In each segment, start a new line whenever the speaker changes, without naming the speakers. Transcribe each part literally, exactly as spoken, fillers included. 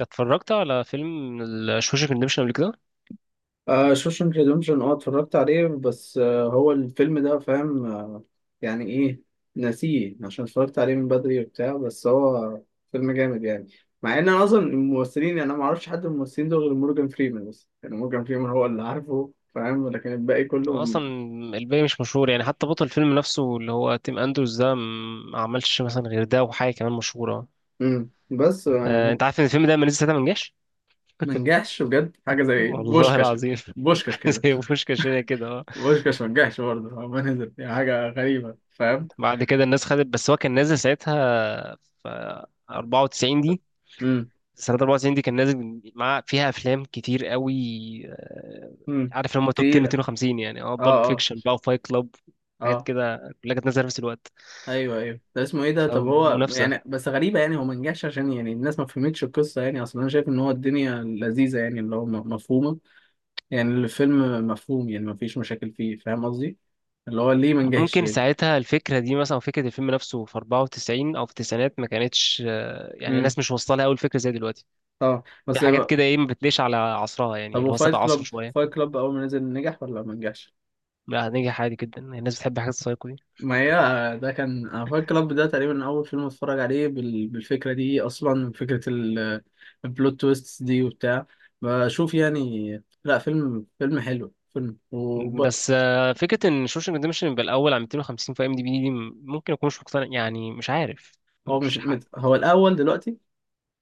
اتفرجت على فيلم شوشك ريديمشن قبل كده.
آه شوشنك ريدمشن، اه اتفرجت عليه. بس آه هو الفيلم ده، فاهم؟ آه يعني ايه؟ ناسيه عشان اتفرجت عليه من بدري وبتاع، بس هو فيلم جامد يعني. مع ان انا اصلا الممثلين، يعني انا ما اعرفش حد من الممثلين دول غير مورجان فريمان، بس يعني مورجان فريمان هو اللي عارفه، فاهم؟ لكن الباقي
أنا
كله
اصلا الباقي مش مشهور، يعني حتى بطل الفيلم نفسه اللي هو تيم اندروز ده م- ما عملش مثلا غير ده وحاجه كمان مشهوره.
امم بس آه،
آه،
هو
انت عارف ان الفيلم ده ما نزل ساعتها ما نجحش؟
ما نجحش بجد. حاجه زي
والله
بوشكاش.
العظيم،
بوشكاش
حاجه
كده،
زي بوشكاش هنا كده، اه.
بوشكاش ما نجحش برضه، ما نزل، يعني حاجه غريبه، فاهم؟
بعد كده الناس خدت، بس هو كان نازل ساعتها في أربعة وتسعين دي.
امم
سنة أربعة وتسعين دي كان نازل مع فيها أفلام كتير قوي. آه،
امم
عارف لما توب عشرة
تقيله.
مئتين وخمسين، يعني اه، بالب
اه، اه،
فيكشن بقى وفايت كلاب، حاجات
اه،
كده، كلها كانت نازلة في نفس الوقت.
ايوه ايوه. ده اسمه ايه ده؟ طب هو
فمنافسة.
يعني، بس غريبه، يعني هو ما نجحش عشان يعني الناس ما فهمتش القصه، يعني اصلا انا شايف ان هو الدنيا لذيذه، يعني اللي هو م- مفهومه. يعني الفيلم مفهوم، يعني ما فيش مشاكل فيه، فاهم قصدي؟ اللي هو ليه ما نجحش
ممكن
يعني؟
ساعتها الفكرة دي، مثلا فكرة الفيلم نفسه في أربعة وتسعين أو في التسعينات، ما كانتش، آه، يعني
امم
الناس مش واصلة لها أوي الفكرة زي دلوقتي.
طبعا
في
بس.
حاجات كده، إيه، ما بتليش على عصرها، يعني
طب
اللي هو
وفايت
سبق عصره
كلاب،
شوية.
فايت كلاب اول ما نزل نجح ولا ما نجحش؟
لا، هنجح عادي جدا، الناس بتحب حاجات السايكو دي.
ما هي ده كان، انا فاكر كلاب ده تقريبا اول فيلم اتفرج عليه بال... بالفكره دي، اصلا فكره ال... البلوت تويست دي وبتاع، بشوف يعني. لا فيلم، فيلم حلو، فيلم وب...
بس آه، فكرة إن شوشنج ريدمشن يبقى الأول على مئتين وخمسين في أم دي بي دي، م- ممكن أكون مش مقتنع، يعني مش عارف،
هو مش
مش حق.
مت... هو الاول دلوقتي،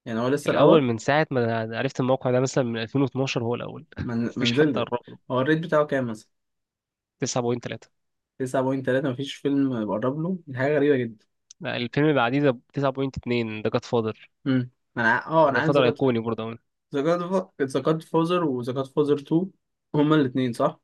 يعني هو لسه
الأول
الاول
من ساعة ما عرفت الموقع ده، مثلا من ألفين واثنعش، هو الأول.
من...
مفيش حد
منزل.
قرب له.
هو الريت بتاعه كام مثلا؟
تسعة فاصلة تلاتة.
تسعة فاصلة تلاتة. مفيش فيلم بقرب له، دي حاجه غريبه جدا.
لا، الفيلم اللي بعديه ده تسعة فاصلة اتنين، ده جاد فاضل،
امم انا ع- اه انا
كان
عارف ذا
فترة
جاد،
أيقوني برضه أوي.
ذا جاد فوزر وذا جاد فوزر اتنين، هما الاثنين صح.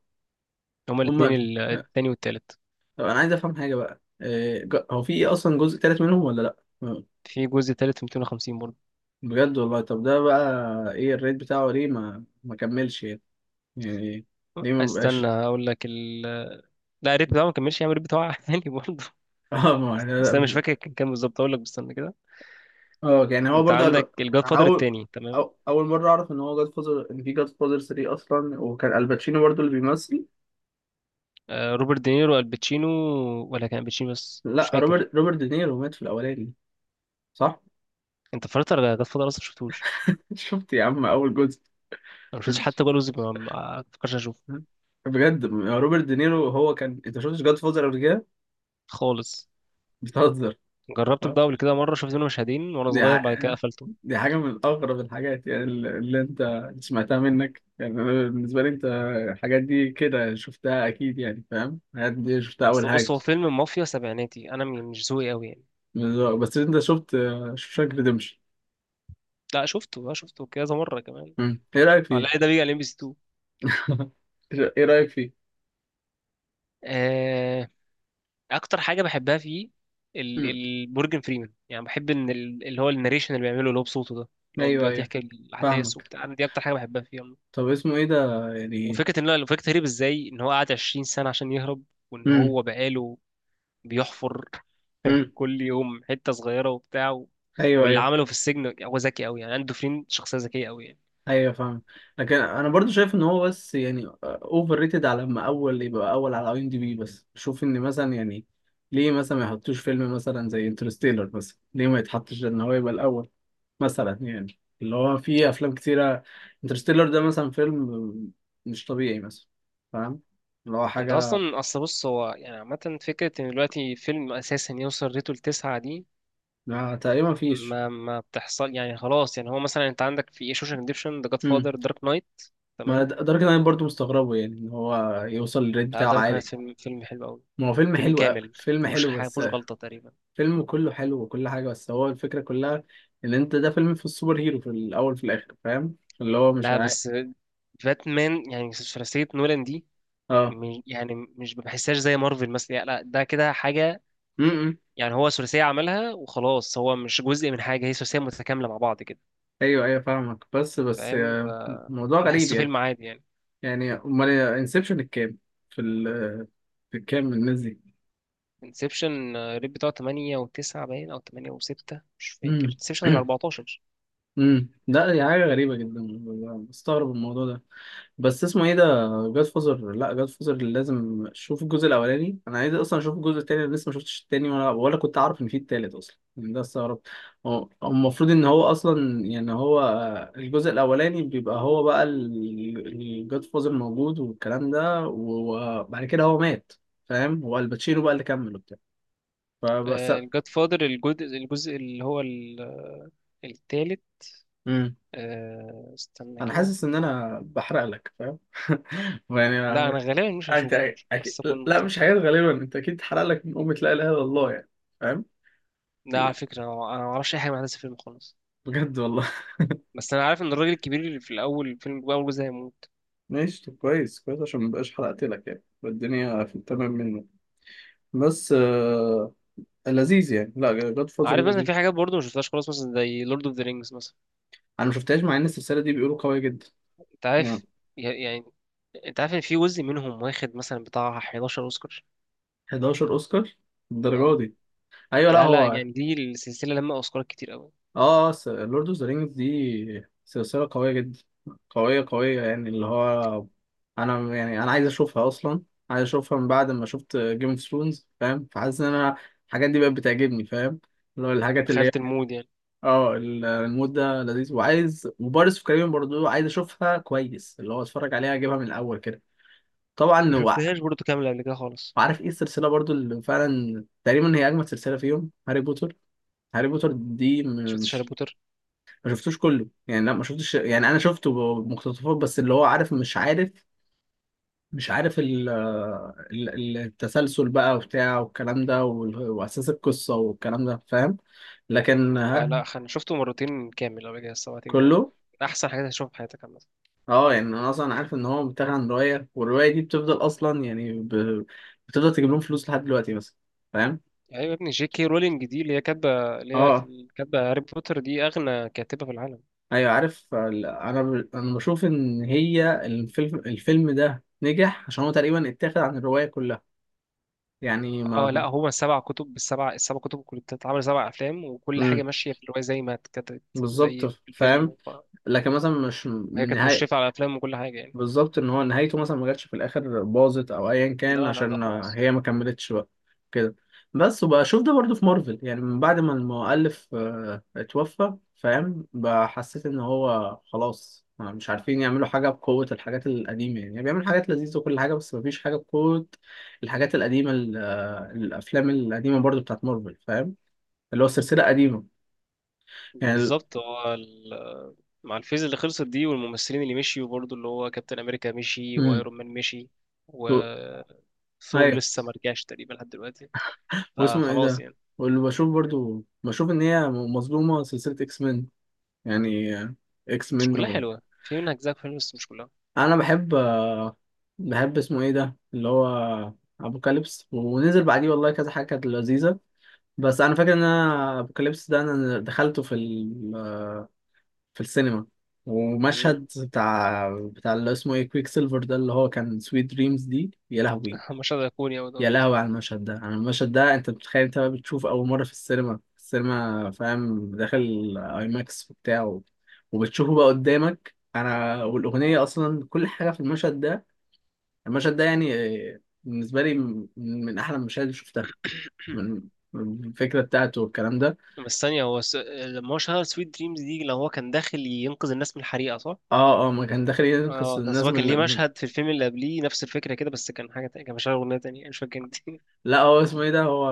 هما الاتنين
هما،
ال- التاني والتالت.
طب انا عايز افهم حاجه بقى، إيه ج- هو في ايه اصلا؟ جزء تالت منهم ولا لا؟ م-
في جزء تالت في مئتين وخمسين برضه.
بجد والله؟ طب ده بقى ايه الريت بتاعه؟ ليه ما ما كملش يعني؟ يعني ليه ما
استنى
بقاش؟
أقول لك ال... لا، الريت بتاعه ما كملش، يعني الريت بتاعه عالي برضه.
اه، ما، لا
بس
لا
أنا مش
مش.
فاكر كان كام بالظبط. أقول لك، بس استنى كده.
اه، يعني هو
أنت
برضو قال
عندك
بقى.
الجاد
انا
فادر
اول،
التاني، تمام؟
أو اول مره اعرف ان هو جاد فوزر، ان في جاد فوزر تلاتة اصلا، وكان الباتشينو برضو اللي بيمثل.
آه، روبرت دينيرو، الباتشينو. ولا كان الباتشينو بس، مش
لا
فاكر.
روبرت، روبرت دينيرو مات في الاولاني، صح؟
أنت اتفرجت على جاد فادر أصلا؟ مشفتوش؟
شفت يا عم اول جزء.
أنا مشفتش حتى ولا جزء، ما ما فكرش أشوفه
بجد؟ روبرت دينيرو، هو كان، انت شفتش جاد فوزر قبل كده؟
خالص.
بتهزر.
جربت ده قبل كده مرة، شفت منه مشهدين وأنا
دي
صغير، بعد
ح-
كده قفلته.
دي حاجة من أغرب الحاجات، يعني ال- اللي أنت سمعتها منك، يعني. أنا بالنسبة لي أنت الحاجات دي كده شفتها أكيد، يعني فاهم؟ الحاجات دي شفتها أول
أصل بص،
حاجة.
هو فيلم مافيا سبعيناتي، أنا م- مش ذوقي أوي يعني.
بس أنت شفت شوشانك ريديمشن،
لا، شفته بقى، شفته كذا مرة كمان.
إيه رأيك
على
فيه؟
ده بيجي على ام بي سي تو.
إيه رأيك فيه؟
آه، اكتر حاجة بحبها فيه ال-
مم.
ال- مورجان فريمان. يعني بحب ان ال- اللي هو الناريشن اللي بيعمله اللي هو بصوته ده، اللي هو
أيوه
بيقعد
أيوه،
يحكي الاحداث
فاهمك.
وبتاع. أنا دي اكتر حاجة بحبها فيه عموماً.
طب اسمه إيه ده يعني؟
وفكرة ان هو، فكرة هرب ازاي، ان هو قعد عشرين سنة عشان يهرب، وان
مم.
هو بقاله بيحفر
مم.
كل يوم حتة صغيرة وبتاع و...
أيوه
واللي
أيوه،
عمله في السجن، هو ذكي قوي، يعني عنده فرين، شخصية ذكية قوي يعني.
ايوه فاهم. لكن انا برضو شايف ان هو، بس يعني اوفر ريتد، على لما اول يبقى اول على اي ام دي بي. بس بشوف ان مثلا يعني، ليه مثلا ما يحطوش فيلم مثلا زي انترستيلر مثلا؟ ليه ما يتحطش ان هو يبقى الاول مثلا، يعني اللي هو في افلام كتيره. انترستيلر ده مثلا فيلم مش طبيعي مثلا، فاهم؟ اللي هو
انت
حاجه.
اصلا، اصل بص، هو يعني عامه فكره ان دلوقتي فيلم اساسا يوصل ريته لتسعة دي
ما تقريبا مفيش.
ما ما بتحصل، يعني خلاص. يعني هو مثلا انت عندك في ايه: شوشانك ريديمشن، ذا جاد
امم
فاذر، دارك نايت،
ما
تمام؟
د- لدرجه إن انا برضو مستغربه يعني، ان هو يوصل للريت
لا،
بتاعه
دارك نايت
عالي.
فيلم فيلم حلو قوي،
ما هو فيلم
فيلم
حلو أوي.
كامل،
فيلم
مفيهوش
حلو،
حاجه،
بس
مفيهوش غلطه تقريبا.
فيلم كله حلو، وكل حاجة، بس هو الفكرة كلها إن أنت ده فيلم في السوبر هيرو، في الأول في الآخر، فاهم؟ اللي هو مش
لا
عارف.
بس باتمان، يعني ثلاثيه نولان دي،
اه،
م- يعني مش بحسهاش زي مارفل مثلا، يعني لا، ده كده حاجه،
امم
يعني هو ثلاثيه عملها وخلاص، هو مش جزء من حاجه، هي ثلاثيه متكامله مع بعض كده،
أيوه أيوه فاهمك. بس بس
فاهم؟
آه، موضوع غريب
بحسه
يعني.
فيلم عادي يعني.
يعني أمال انسبشن الكام؟ في ال في الكام الناس دي؟
انسبشن الريت بتاعه تمانية و9 باين، او تمانية و6، مش فاكر،
امم
انسبشن ال اربعتاشر.
امم لا، دي حاجة غريبة جدا. مستغرب الموضوع ده. بس اسمه ايه ده؟ جاد فوزر، لا جاد فوزر لازم اشوف الجزء الاولاني. انا عايز اصلا اشوف الجزء التاني، انا لسه ما شفتش التاني ولا ولا كنت اعرف ان في التالت اصلا، يعني ده استغربت. هو هو المفروض ان هو اصلا، يعني هو، آه، الجزء الاولاني بيبقى، هو بقى الجاد فوزر موجود والكلام ده، وبعد كده هو مات. فاهم؟ هو الباتشينو بقى اللي كمل وبتاع. فبس.
الجاد فادر، الجزء الجزء اللي هو ال- آه، التالت.
امم
آه، استنى
انا
كده.
حاسس ان انا بحرق لك، فاهم؟
لا،
يعني.
انا غالبا مش
أنت
هشوفه،
أكيد.
بس كنت.
لا مش حاجات، غالبا أنت أكيد اتحرق لك من أمة لا إله إلا الله، يعني فاهم؟
لا، على
ال-
فكره، انا أنا ما اعرفش اي حاجه عن أحداث الفيلم خالص.
بجد والله.
بس انا عارف ان الراجل الكبير اللي في الاول الفيلم، اول جزء، هيموت.
ماشي، طب كويس كويس، عشان مبقاش حرقت لك، يعني يبقى الدنيا في التمام منه. بس آه... لذيذ يعني. لا جاد فازر
عارف مثلا
لذيذ.
في حاجات برضه ما شفتهاش خالص، مثلا زي لورد اوف ذا رينجز مثلا.
أنا ما شفتهاش، مع إن السلسلة دي بيقولوا قوية جدا،
انت
يعني.
عارف، ي- يعني انت عارف ان في جزء منهم واخد مثلا بتاع حداشر اوسكار؟
حداشر أوسكار، الدرجة
اه.
دي؟ أيوه لا
لا لا،
هو،
يعني دي السلسلة لما أوسكارات كتير أوي.
اه. لورد اوف ذا رينجز دي سلسلة قوية جدا، قوية قوية، يعني اللي هو، انا يعني انا عايز اشوفها اصلا. عايز اشوفها من بعد ما شفت جيم اوف ثرونز، فاهم؟ فحاسس ان انا الحاجات دي بقت بتعجبني، فاهم؟ اللي هو الحاجات اللي هي.
دخلت المود يعني.
اه، ال- المود ده لذيذ. وعايز، وبارس في كاريبيان برضو عايز اشوفها كويس، اللي هو اتفرج عليها، اجيبها من الاول كده. طبعا
ما
وع-
شفتهاش برضه كاملة قبل كده خالص.
وعارف ايه السلسلة برضو اللي فعلا تقريبا هي اجمد سلسلة فيهم؟ هاري بوتر. هاري بوتر دي م-
شفت هاري
مش،
بوتر؟
ما شفتوش كله يعني. لا ما شفتش، يعني انا شفته مقتطفات بس. اللي هو عارف مش عارف، مش عارف ال ال- ال- التسلسل بقى وبتاع والكلام ده وال- واساس القصه والكلام ده، فاهم؟ لكن
لا
ها.
لا، أنا شفته مرتين كامل قبل كده، الصراحة ده
كله.
أحسن حاجة هتشوفها في حياتك عامة.
اه، يعني انا اصلا عارف ان هو بيتاخد عن روايه، والروايه دي بتفضل اصلا، يعني ب... بتفضل تجيب لهم فلوس لحد دلوقتي، بس فاهم.
أيوة يا ابني، جي كي رولينج دي اللي هي كاتبة اللي هي
اه،
كاتبة هاري بوتر، دي أغنى كاتبة في العالم.
ايوه عارف ال- انا ب... انا بشوف ان هي الفيلم، الفيلم ده نجح عشان هو تقريبا اتاخد عن الروايه كلها، يعني
اه،
ما.
لا، هما سبع كتب، بالسبع، السبع كتب كلها بتتعمل سبع أفلام، وكل حاجة
مم.
ماشية في الرواية زي ما اتكتبت
بالظبط،
زي في
فاهم.
الفيلم.
لكن مثلا مش
وهي
من
كانت
نهاية.
مشرفة على الأفلام وكل حاجة يعني.
بالظبط، ان هو نهايته مثلا ما جاتش في الاخر، باظت او ايا كان،
لا لا لا
عشان
خالص.
هي ما كملتش بقى كده. بس وبقى اشوف ده برضو في مارفل، يعني من بعد ما المؤلف آه، اتوفى، فاهم؟ بقى حسيت ان هو خلاص، آه، مش عارفين يعملوا حاجة بقوة الحاجات القديمة، يعني، يعني بيعمل حاجات لذيذة وكل حاجة، بس مفيش حاجة بقوة الحاجات القديمة، ال- آه، الأفلام القديمة برضو بتاعت مارفل، فاهم؟ اللي هو سلسلة قديمة، يعني ال-
بالظبط، هو ال- مع الفيز اللي خلصت دي والممثلين اللي مشيوا برضه، اللي هو كابتن امريكا مشي
مم.
وايرون مان مشي، و ثور
ايوه.
لسه ما رجعش تقريبا لحد دلوقتي.
واسمه ايه
فخلاص
ده؟
يعني.
واللي بشوف برضو، بشوف ان هي مظلومة سلسلة اكس مين، يعني اكس
مش
مين
كلها
و...
حلوه، في منها اجزاء حلوه بس مش كلها.
انا بحب، بحب اسمه ايه ده اللي هو ابوكاليبس، ونزل بعديه والله كذا حاجة كانت لذيذة. بس انا فاكر ان انا ابوكاليبس ده انا دخلته في ال... في السينما،
مم.
ومشهد بتاع بتاع اللي اسمه ايه؟ كويك سيلفر ده، اللي هو كان سويت دريمز دي، يا لهوي.
مشهد ايقوني اوي
يا
طبعا.
لهوي على المشهد ده. على المشهد ده، انت بتخيل انت بقى بتشوف اول مره في السينما السينما، فاهم؟ داخل اي ماكس وبتاع، وبتشوفه بقى قدامك، انا والاغنيه، اصلا كل حاجه في المشهد ده. المشهد ده، يعني آه، بالنسبه لي من من احلى المشاهد اللي شفتها، من من الفكره بتاعته والكلام ده.
بس ثانيه، هو س... لما هو شغال سويت دريمز دي، لو هو كان داخل ينقذ الناس من الحريقه، صح؟
اه اه، ما كان داخل ينقذ
اه، بس
الناس
هو كان ليه
من من-
مشهد في الفيلم اللي قبليه نفس الفكره كده، بس كان حاجه تانية، كان مشغل اغنيه تانية، مش فاكر انت؟
لا هو اسمه ايه ده، هو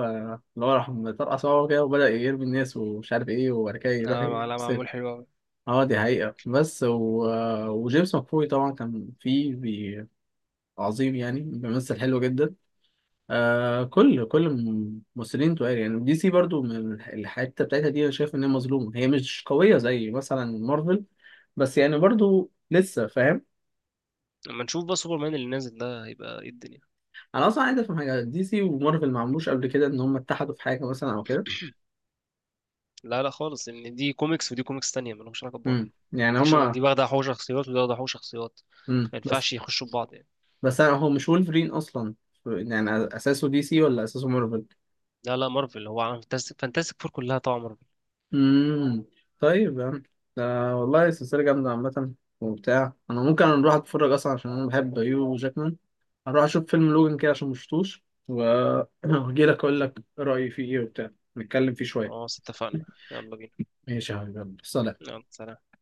اللي هو راح مطرقع صوابعه كده، وبدأ يرمي الناس ومش عارف ايه، وبعد كده يروح.
اه، لا، معمول حلو أوي.
اه دي حقيقة. بس و... وجيمس مكفوي طبعا كان فيه بي... عظيم، يعني بيمثل حلو جدا. آه، كل كل الممثلين تقال، يعني دي سي برضو من الح- الحتة بتاعتها دي، انا شايف ان هي مظلومة، هي مش قوية زي مثلا مارفل، بس يعني برضو لسه فاهم.
لما نشوف بقى سوبرمان اللي نازل ده، هيبقى ايه الدنيا.
انا اصلا عايز افهم حاجة، دي سي ومارفل ما عملوش قبل كده ان هم اتحدوا في حاجة مثلا او كده؟
لا لا خالص، ان دي كوميكس ودي كوميكس تانية، مالهمش علاقة ببعض.
امم يعني
ودي شو...
هما.
ودي واخدة حقوق شخصيات ودي واخدة حقوق شخصيات،
امم
ما
بس
ينفعش يخشوا في بعض يعني.
بس أنا- هو مش وولفرين اصلا، يعني اساسه دي سي ولا اساسه مارفل؟
لا لا، مارفل، هو عالم فانتاستيك فانتاستيك فور كلها طبعا مارفل.
امم طيب يا عم، ده والله سلسلة جامدة عامة وبتاع. أنا ممكن أروح أتفرج أصلا، عشان أنا بحب هيو جاكمان، أروح أشوف فيلم لوجن كده عشان مشفتوش و- وأجيلك أقول لك رأيي فيه إيه وبتاع، نتكلم فيه شوية.
خلاص اتفقنا، يلا بينا.
ماشي يا حبيبي، يلا. سلام.
يلا سلام.